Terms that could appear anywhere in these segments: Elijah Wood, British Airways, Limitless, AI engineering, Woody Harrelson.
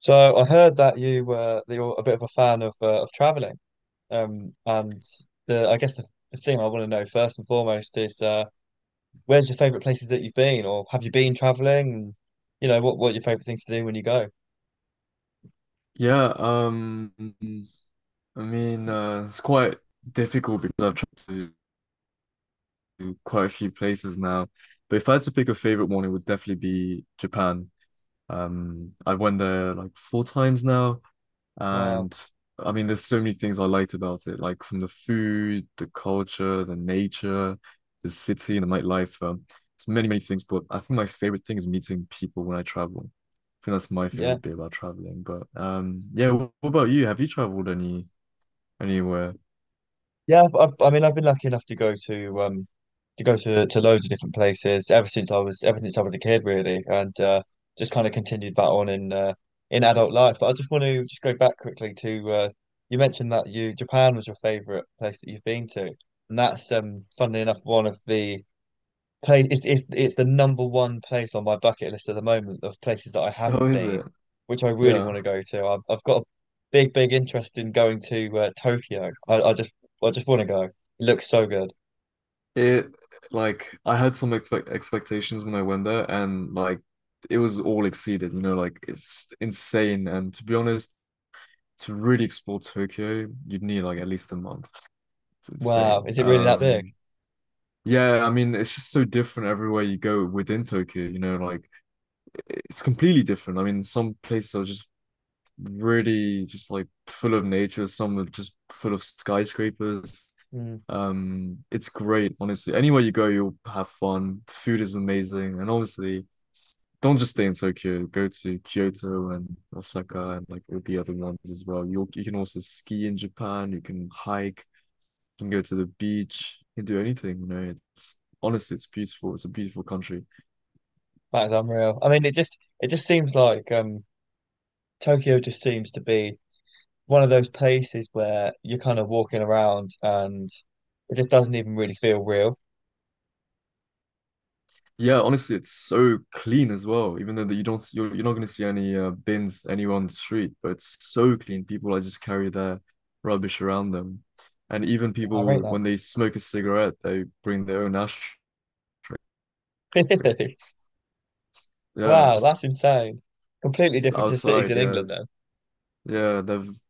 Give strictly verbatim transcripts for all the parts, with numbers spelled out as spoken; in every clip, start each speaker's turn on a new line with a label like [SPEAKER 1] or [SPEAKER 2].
[SPEAKER 1] So I heard that you were that you're a bit of a fan of uh, of traveling. Um, and the I guess the, the thing I want to know first and foremost is uh, where's your favorite places that you've been, or have you been traveling? And, you know, what what are your favorite things to do when you go?
[SPEAKER 2] Yeah, um, I mean, uh, it's quite difficult because I've traveled to quite a few places now. But if I had to pick a favorite one, it would definitely be Japan. Um, I went there like four times now,
[SPEAKER 1] Wow,
[SPEAKER 2] and I mean, there's so many things I liked about it, like from the food, the culture, the nature, the city, and the nightlife. Um, it's many, many things. But I think my favorite thing is meeting people when I travel. I think that's my
[SPEAKER 1] yeah.
[SPEAKER 2] favorite bit about traveling. But um, yeah, wh- what about you? Have you traveled any, anywhere?
[SPEAKER 1] Yeah, I, I mean, I've been lucky enough to go to um to go to to loads of different places ever since I was ever since I was a kid, really, and uh, just kind of continued that on in uh, in adult life. But I just want to just go back quickly to uh, you mentioned that you Japan was your favorite place that you've been to, and that's um funnily enough one of the place it's, it's it's the number one place on my bucket list at the moment of places that I
[SPEAKER 2] Oh,
[SPEAKER 1] haven't
[SPEAKER 2] is
[SPEAKER 1] been,
[SPEAKER 2] it?
[SPEAKER 1] which I really want
[SPEAKER 2] Yeah.
[SPEAKER 1] to go to. I've I've got a big big interest in going to uh, Tokyo. I, I just I just want to go. It looks so good.
[SPEAKER 2] It, like, I had some expect expectations when I went there, and like it was all exceeded. You know, like it's insane. And to be honest, to really explore Tokyo, you'd need like at least a month. It's
[SPEAKER 1] Wow,
[SPEAKER 2] insane.
[SPEAKER 1] is it really that big?
[SPEAKER 2] Um, yeah, I mean, it's just so different everywhere you go within Tokyo. You know, like it's completely different. I mean, some places are just really just like full of nature. Some are just full of skyscrapers.
[SPEAKER 1] Mm,
[SPEAKER 2] Um, it's great, honestly. Anywhere you go, you'll have fun. Food is amazing, and obviously, don't just stay in Tokyo. Go to Kyoto and Osaka and like all the other ones as well. You you can also ski in Japan. You can hike. You can go to the beach. You can do anything. You know, it's honestly, it's beautiful. It's a beautiful country.
[SPEAKER 1] that is unreal. I mean, it just it just seems like um Tokyo just seems to be one of those places where you're kind of walking around and it just doesn't even really feel real.
[SPEAKER 2] Yeah, honestly, it's so clean as well. Even though that you don't, s- you're, you're not going to see any uh, bins anywhere on the street, but it's so clean. People like just carry their rubbish around them, and even
[SPEAKER 1] Wow, I
[SPEAKER 2] people
[SPEAKER 1] rate
[SPEAKER 2] when they smoke a cigarette, they bring their own ashtray.
[SPEAKER 1] that.
[SPEAKER 2] Yeah,
[SPEAKER 1] Wow,
[SPEAKER 2] just
[SPEAKER 1] that's insane. Completely different to cities
[SPEAKER 2] outside.
[SPEAKER 1] in
[SPEAKER 2] Yeah,
[SPEAKER 1] England, though.
[SPEAKER 2] yeah, they've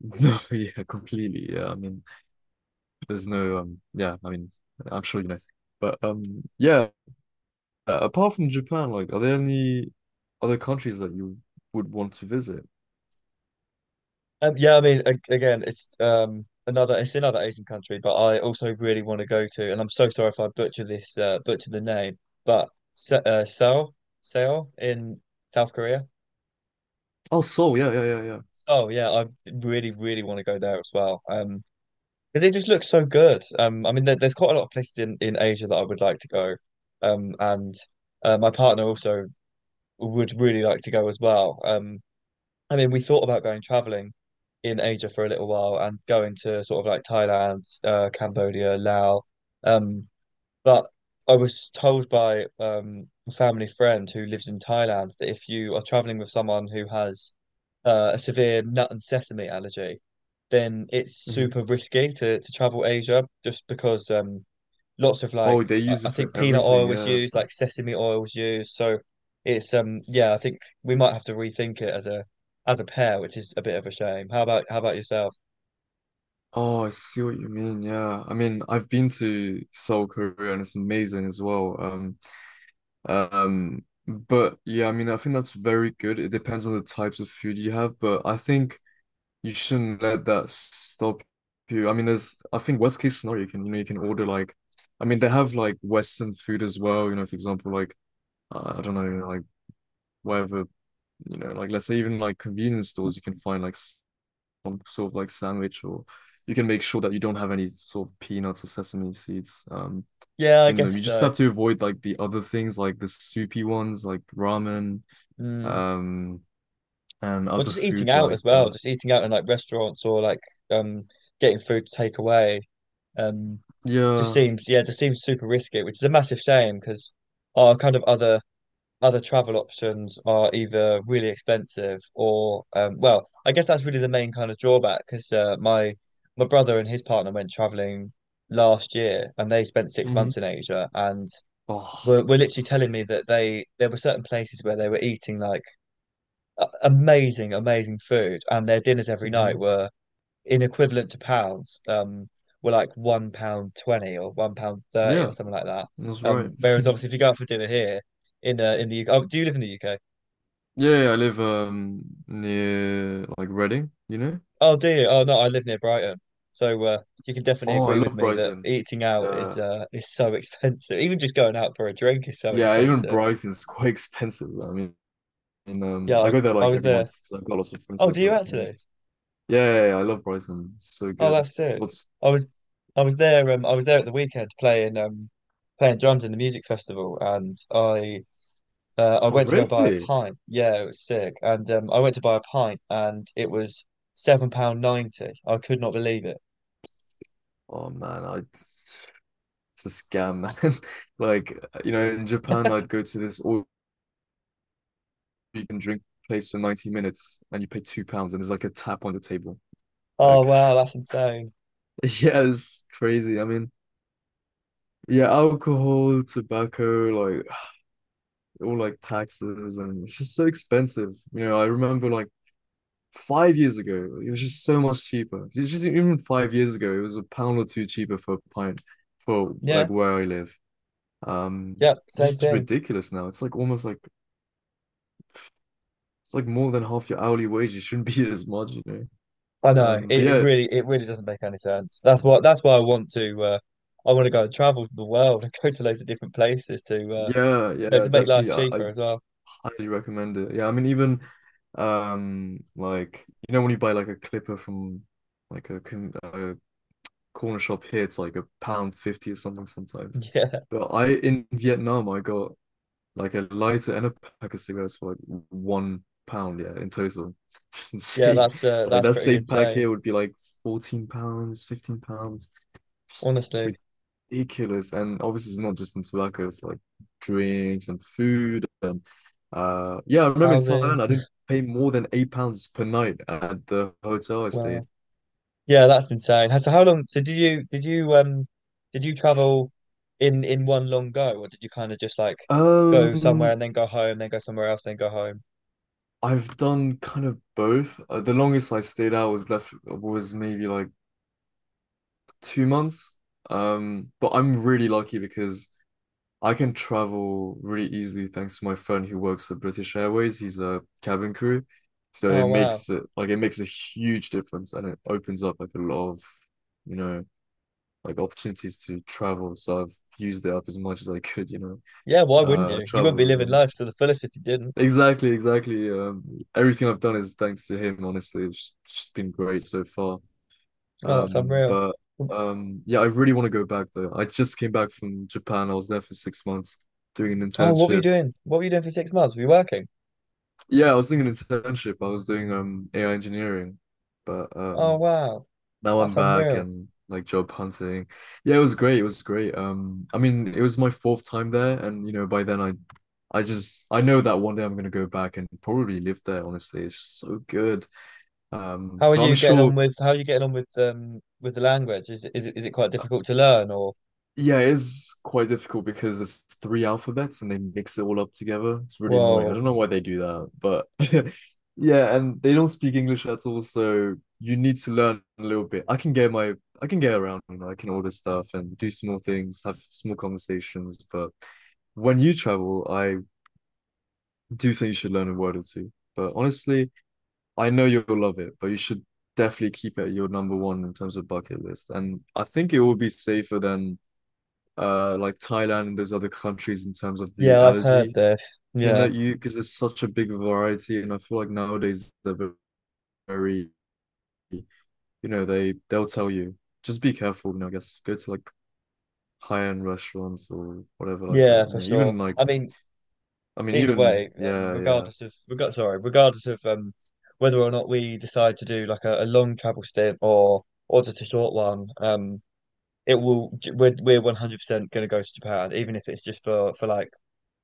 [SPEAKER 2] no, yeah, completely. Yeah, I mean, there's no um, yeah, I mean, I'm sure you know, but um, yeah. Apart from Japan, like, are there any other countries that you would want to visit?
[SPEAKER 1] Um, yeah, I mean, a- again, it's um another it's another Asian country, but I also really want to go to, and I'm so sorry if I butcher this uh, butcher the name, but Se uh, Seoul, Seoul in South Korea.
[SPEAKER 2] Oh, Soul. Yeah, yeah, yeah, yeah.
[SPEAKER 1] Oh yeah, I really really want to go there as well. Um, because it just looks so good. Um, I mean, there, there's quite a lot of places in in Asia that I would like to go. Um, and uh, My partner also would really like to go as well. Um, I mean, we thought about going traveling in Asia for a little while and going to sort of like Thailand, uh, Cambodia, Laos. Um, but I was told by um, a family friend who lives in Thailand that if you are traveling with someone who has uh, a severe nut and sesame allergy, then it's
[SPEAKER 2] Hmm.
[SPEAKER 1] super risky to, to travel Asia just because um, lots of
[SPEAKER 2] Oh,
[SPEAKER 1] like
[SPEAKER 2] they
[SPEAKER 1] I
[SPEAKER 2] use
[SPEAKER 1] I
[SPEAKER 2] it for
[SPEAKER 1] think peanut
[SPEAKER 2] everything.
[SPEAKER 1] oil was
[SPEAKER 2] Yeah.
[SPEAKER 1] used, like sesame oil was used. So it's um yeah, I think we might have to rethink it as a as a pair, which is a bit of a shame. How about how about yourself?
[SPEAKER 2] Oh, I see what you mean. Yeah. I mean, I've been to Seoul, Korea, and it's amazing as well. Um, um, but yeah, I mean, I think that's very good. It depends on the types of food you have, but I think you shouldn't let that stop you. I mean, there's, I think, worst case scenario, you can, you know, you can order like, I mean, they have like Western food as well. You know, for example, like, uh, I don't know, like whatever, you know, like let's say even like convenience stores, you can find like some sort of like sandwich, or you can make sure that you don't have any sort of peanuts or sesame seeds um,
[SPEAKER 1] Yeah, I
[SPEAKER 2] in them.
[SPEAKER 1] guess
[SPEAKER 2] You just
[SPEAKER 1] so.
[SPEAKER 2] have to avoid like the other things, like the soupy ones, like ramen,
[SPEAKER 1] Mm.
[SPEAKER 2] um, and
[SPEAKER 1] Well,
[SPEAKER 2] other
[SPEAKER 1] just eating
[SPEAKER 2] foods
[SPEAKER 1] out
[SPEAKER 2] like
[SPEAKER 1] as well,
[SPEAKER 2] that.
[SPEAKER 1] just eating out in like restaurants or like um getting food to take away. Um, just
[SPEAKER 2] Yeah.
[SPEAKER 1] seems yeah, just seems super risky, which is a massive shame because our kind of other other travel options are either really expensive or um, well, I guess that's really the main kind of drawback because uh, my my brother and his partner went traveling last year and they spent six
[SPEAKER 2] Hmm.
[SPEAKER 1] months in Asia and
[SPEAKER 2] Oh.
[SPEAKER 1] were, were literally telling me that they there were certain places where they were eating like a- amazing, amazing food and their dinners every night
[SPEAKER 2] Hmm.
[SPEAKER 1] were in equivalent to pounds, um, were like one pound twenty or one pound thirty
[SPEAKER 2] Yeah,
[SPEAKER 1] or something like that.
[SPEAKER 2] that's right.
[SPEAKER 1] Um, whereas obviously if you go out for dinner here in uh, in the U K, oh, do you live in the U K?
[SPEAKER 2] Yeah, yeah, I live um near like Reading, you know?
[SPEAKER 1] Oh, do you? Oh no, I live near Brighton, so uh, you can definitely
[SPEAKER 2] Oh, I
[SPEAKER 1] agree with
[SPEAKER 2] love
[SPEAKER 1] me that
[SPEAKER 2] Brighton.
[SPEAKER 1] eating out is
[SPEAKER 2] Uh,
[SPEAKER 1] uh is so expensive. Even just going out for a drink is so
[SPEAKER 2] yeah, even
[SPEAKER 1] expensive.
[SPEAKER 2] Brighton's quite expensive. I mean, and um, I
[SPEAKER 1] Yeah,
[SPEAKER 2] go there
[SPEAKER 1] I, I
[SPEAKER 2] like
[SPEAKER 1] was
[SPEAKER 2] every month
[SPEAKER 1] there.
[SPEAKER 2] because I've got lots of friends
[SPEAKER 1] Oh,
[SPEAKER 2] there.
[SPEAKER 1] do you
[SPEAKER 2] But um,
[SPEAKER 1] actually?
[SPEAKER 2] yeah, yeah, yeah, I love Brighton. It's so
[SPEAKER 1] Oh,
[SPEAKER 2] good.
[SPEAKER 1] that's sick.
[SPEAKER 2] What's,
[SPEAKER 1] I was, I was there. Um, I was there at the weekend playing um playing drums in the music festival, and I uh, I
[SPEAKER 2] oh
[SPEAKER 1] went to go buy a
[SPEAKER 2] really?
[SPEAKER 1] pint. Yeah, it was sick. And um, I went to buy a pint, and it was seven pound ninety. I could not believe it.
[SPEAKER 2] Oh man, I it's a scam, man. Like, you know, in Japan, I'd go to this all you can drink place for ninety minutes, and you pay two pounds, and there's like a tap on your table.
[SPEAKER 1] Oh
[SPEAKER 2] Like,
[SPEAKER 1] wow, that's insane.
[SPEAKER 2] yeah, it's crazy. I mean, yeah, alcohol, tobacco, like all like taxes, and it's just so expensive. You know, I remember like five years ago, it was just so much cheaper. It's just, even five years ago, it was a pound or two cheaper for a pint for like
[SPEAKER 1] Yeah,
[SPEAKER 2] where I live. Um,
[SPEAKER 1] yeah,
[SPEAKER 2] it's
[SPEAKER 1] same
[SPEAKER 2] just
[SPEAKER 1] thing.
[SPEAKER 2] ridiculous now. It's like almost like it's like more than half your hourly wage. It shouldn't be this much, you know.
[SPEAKER 1] I know
[SPEAKER 2] Um, but
[SPEAKER 1] it, it
[SPEAKER 2] yeah,
[SPEAKER 1] really it really doesn't make any sense. That's what that's why I want to uh, I want to go and travel the world and go to loads of different places to uh,
[SPEAKER 2] yeah,
[SPEAKER 1] you know,
[SPEAKER 2] yeah,
[SPEAKER 1] to make life
[SPEAKER 2] definitely. I, I
[SPEAKER 1] cheaper as well.
[SPEAKER 2] highly recommend it. Yeah, I mean, even um, like, you know, when you buy like a clipper from like a, con- a corner shop here, it's like a pound fifty or something sometimes.
[SPEAKER 1] Yeah,
[SPEAKER 2] But I in Vietnam, I got like a lighter and a pack of cigarettes for like one pound, yeah, in total. Just
[SPEAKER 1] yeah,
[SPEAKER 2] insane.
[SPEAKER 1] that's uh,
[SPEAKER 2] But like
[SPEAKER 1] that's
[SPEAKER 2] that
[SPEAKER 1] pretty
[SPEAKER 2] same pack
[SPEAKER 1] insane.
[SPEAKER 2] here would be like fourteen pounds, fifteen pounds. Just
[SPEAKER 1] Honestly,
[SPEAKER 2] ridiculous. And obviously it's not just in tobacco, it's like drinks and food and uh yeah, I remember in
[SPEAKER 1] housing,
[SPEAKER 2] Thailand I didn't pay more than eight pounds per night at the hotel I stayed.
[SPEAKER 1] well, yeah, that's insane. So how long? So did you did you um did you travel in in one long go, or did you kind of just like go somewhere
[SPEAKER 2] Um
[SPEAKER 1] and then go home, then go somewhere else, then go home?
[SPEAKER 2] I've done kind of both. Uh, the longest I stayed out was left was maybe like two months. Um, but I'm really lucky because I can travel really easily thanks to my friend who works at British Airways. He's a cabin crew. So it
[SPEAKER 1] Oh wow,
[SPEAKER 2] makes it, like, it makes a huge difference and it opens up like a lot of, you know, like opportunities to travel. So I've used it up as much as I could, you know,
[SPEAKER 1] yeah, why wouldn't
[SPEAKER 2] uh
[SPEAKER 1] you? You wouldn't be
[SPEAKER 2] travel with
[SPEAKER 1] living
[SPEAKER 2] him.
[SPEAKER 1] life to the fullest if you didn't.
[SPEAKER 2] Exactly, exactly. Um, everything I've done is thanks to him, honestly. It's just been great so far.
[SPEAKER 1] Oh, that's
[SPEAKER 2] Um,
[SPEAKER 1] unreal.
[SPEAKER 2] but um, yeah, I really want to go back though. I just came back from Japan. I was there for six months doing an
[SPEAKER 1] Oh, what were you
[SPEAKER 2] internship.
[SPEAKER 1] doing? What were you doing for six months? Were you working?
[SPEAKER 2] Yeah, I was doing an internship. I was doing um A I engineering, but
[SPEAKER 1] Oh,
[SPEAKER 2] um,
[SPEAKER 1] wow.
[SPEAKER 2] now I'm
[SPEAKER 1] That's
[SPEAKER 2] back
[SPEAKER 1] unreal.
[SPEAKER 2] and like job hunting. Yeah, it was great. It was great. Um, I mean, it was my fourth time there, and you know, by then I, I just I know that one day I'm gonna go back and probably live there. Honestly, it's just so good. Um,
[SPEAKER 1] How are
[SPEAKER 2] but I'm
[SPEAKER 1] you getting
[SPEAKER 2] sure.
[SPEAKER 1] on with how are you getting on with um with the language? Is it is it is it quite difficult to learn or
[SPEAKER 2] Yeah, it is quite difficult because there's three alphabets and they mix it all up together. It's really annoying. I
[SPEAKER 1] whoa.
[SPEAKER 2] don't know why they do that, but yeah, and they don't speak English at all, so you need to learn a little bit. I can get my I can get around, you know, I can order stuff and do small things, have small conversations, but when you travel, I do think you should learn a word or two. But honestly, I know you'll love it, but you should definitely keep it your number one in terms of bucket list. And I think it will be safer than uh like Thailand and those other countries in terms of the
[SPEAKER 1] Yeah, I've heard
[SPEAKER 2] allergy
[SPEAKER 1] this.
[SPEAKER 2] thing
[SPEAKER 1] Yeah.
[SPEAKER 2] that you, because there's such a big variety. And I feel like nowadays they're very, you know, they they'll tell you, just be careful, you know. I guess go to like high-end restaurants or whatever like that,
[SPEAKER 1] Yeah,
[SPEAKER 2] you
[SPEAKER 1] for
[SPEAKER 2] know. Even
[SPEAKER 1] sure.
[SPEAKER 2] like,
[SPEAKER 1] I mean,
[SPEAKER 2] I mean,
[SPEAKER 1] either
[SPEAKER 2] even,
[SPEAKER 1] way, um,
[SPEAKER 2] yeah, yeah,
[SPEAKER 1] regardless of reg sorry, regardless of um whether or not we decide to do like a, a long travel stint or or just a short one, um it will j- we're we're one hundred percent going to go to Japan even if it's just for for like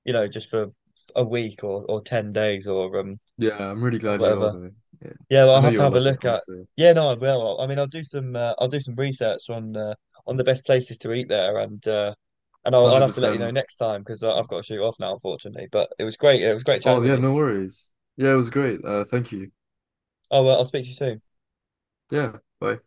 [SPEAKER 1] you know, just for a week or or ten days or um
[SPEAKER 2] yeah. I'm really
[SPEAKER 1] or
[SPEAKER 2] glad you are,
[SPEAKER 1] whatever.
[SPEAKER 2] though. Yeah,
[SPEAKER 1] Yeah, well,
[SPEAKER 2] I
[SPEAKER 1] I'll
[SPEAKER 2] know
[SPEAKER 1] have to
[SPEAKER 2] you'll
[SPEAKER 1] have a
[SPEAKER 2] love it,
[SPEAKER 1] look at.
[SPEAKER 2] honestly.
[SPEAKER 1] Yeah, no, I will. I mean, I'll do some uh, I'll do some research on uh, on the best places to eat there and uh and I'll I'll have to let you know
[SPEAKER 2] one hundred percent.
[SPEAKER 1] next time because I've got to shoot off now, unfortunately. But it was great. It was great chatting
[SPEAKER 2] Oh
[SPEAKER 1] with
[SPEAKER 2] yeah,
[SPEAKER 1] you.
[SPEAKER 2] no worries. Yeah, it was great, uh thank you.
[SPEAKER 1] Oh well, I'll speak to you soon.
[SPEAKER 2] Yeah. Bye.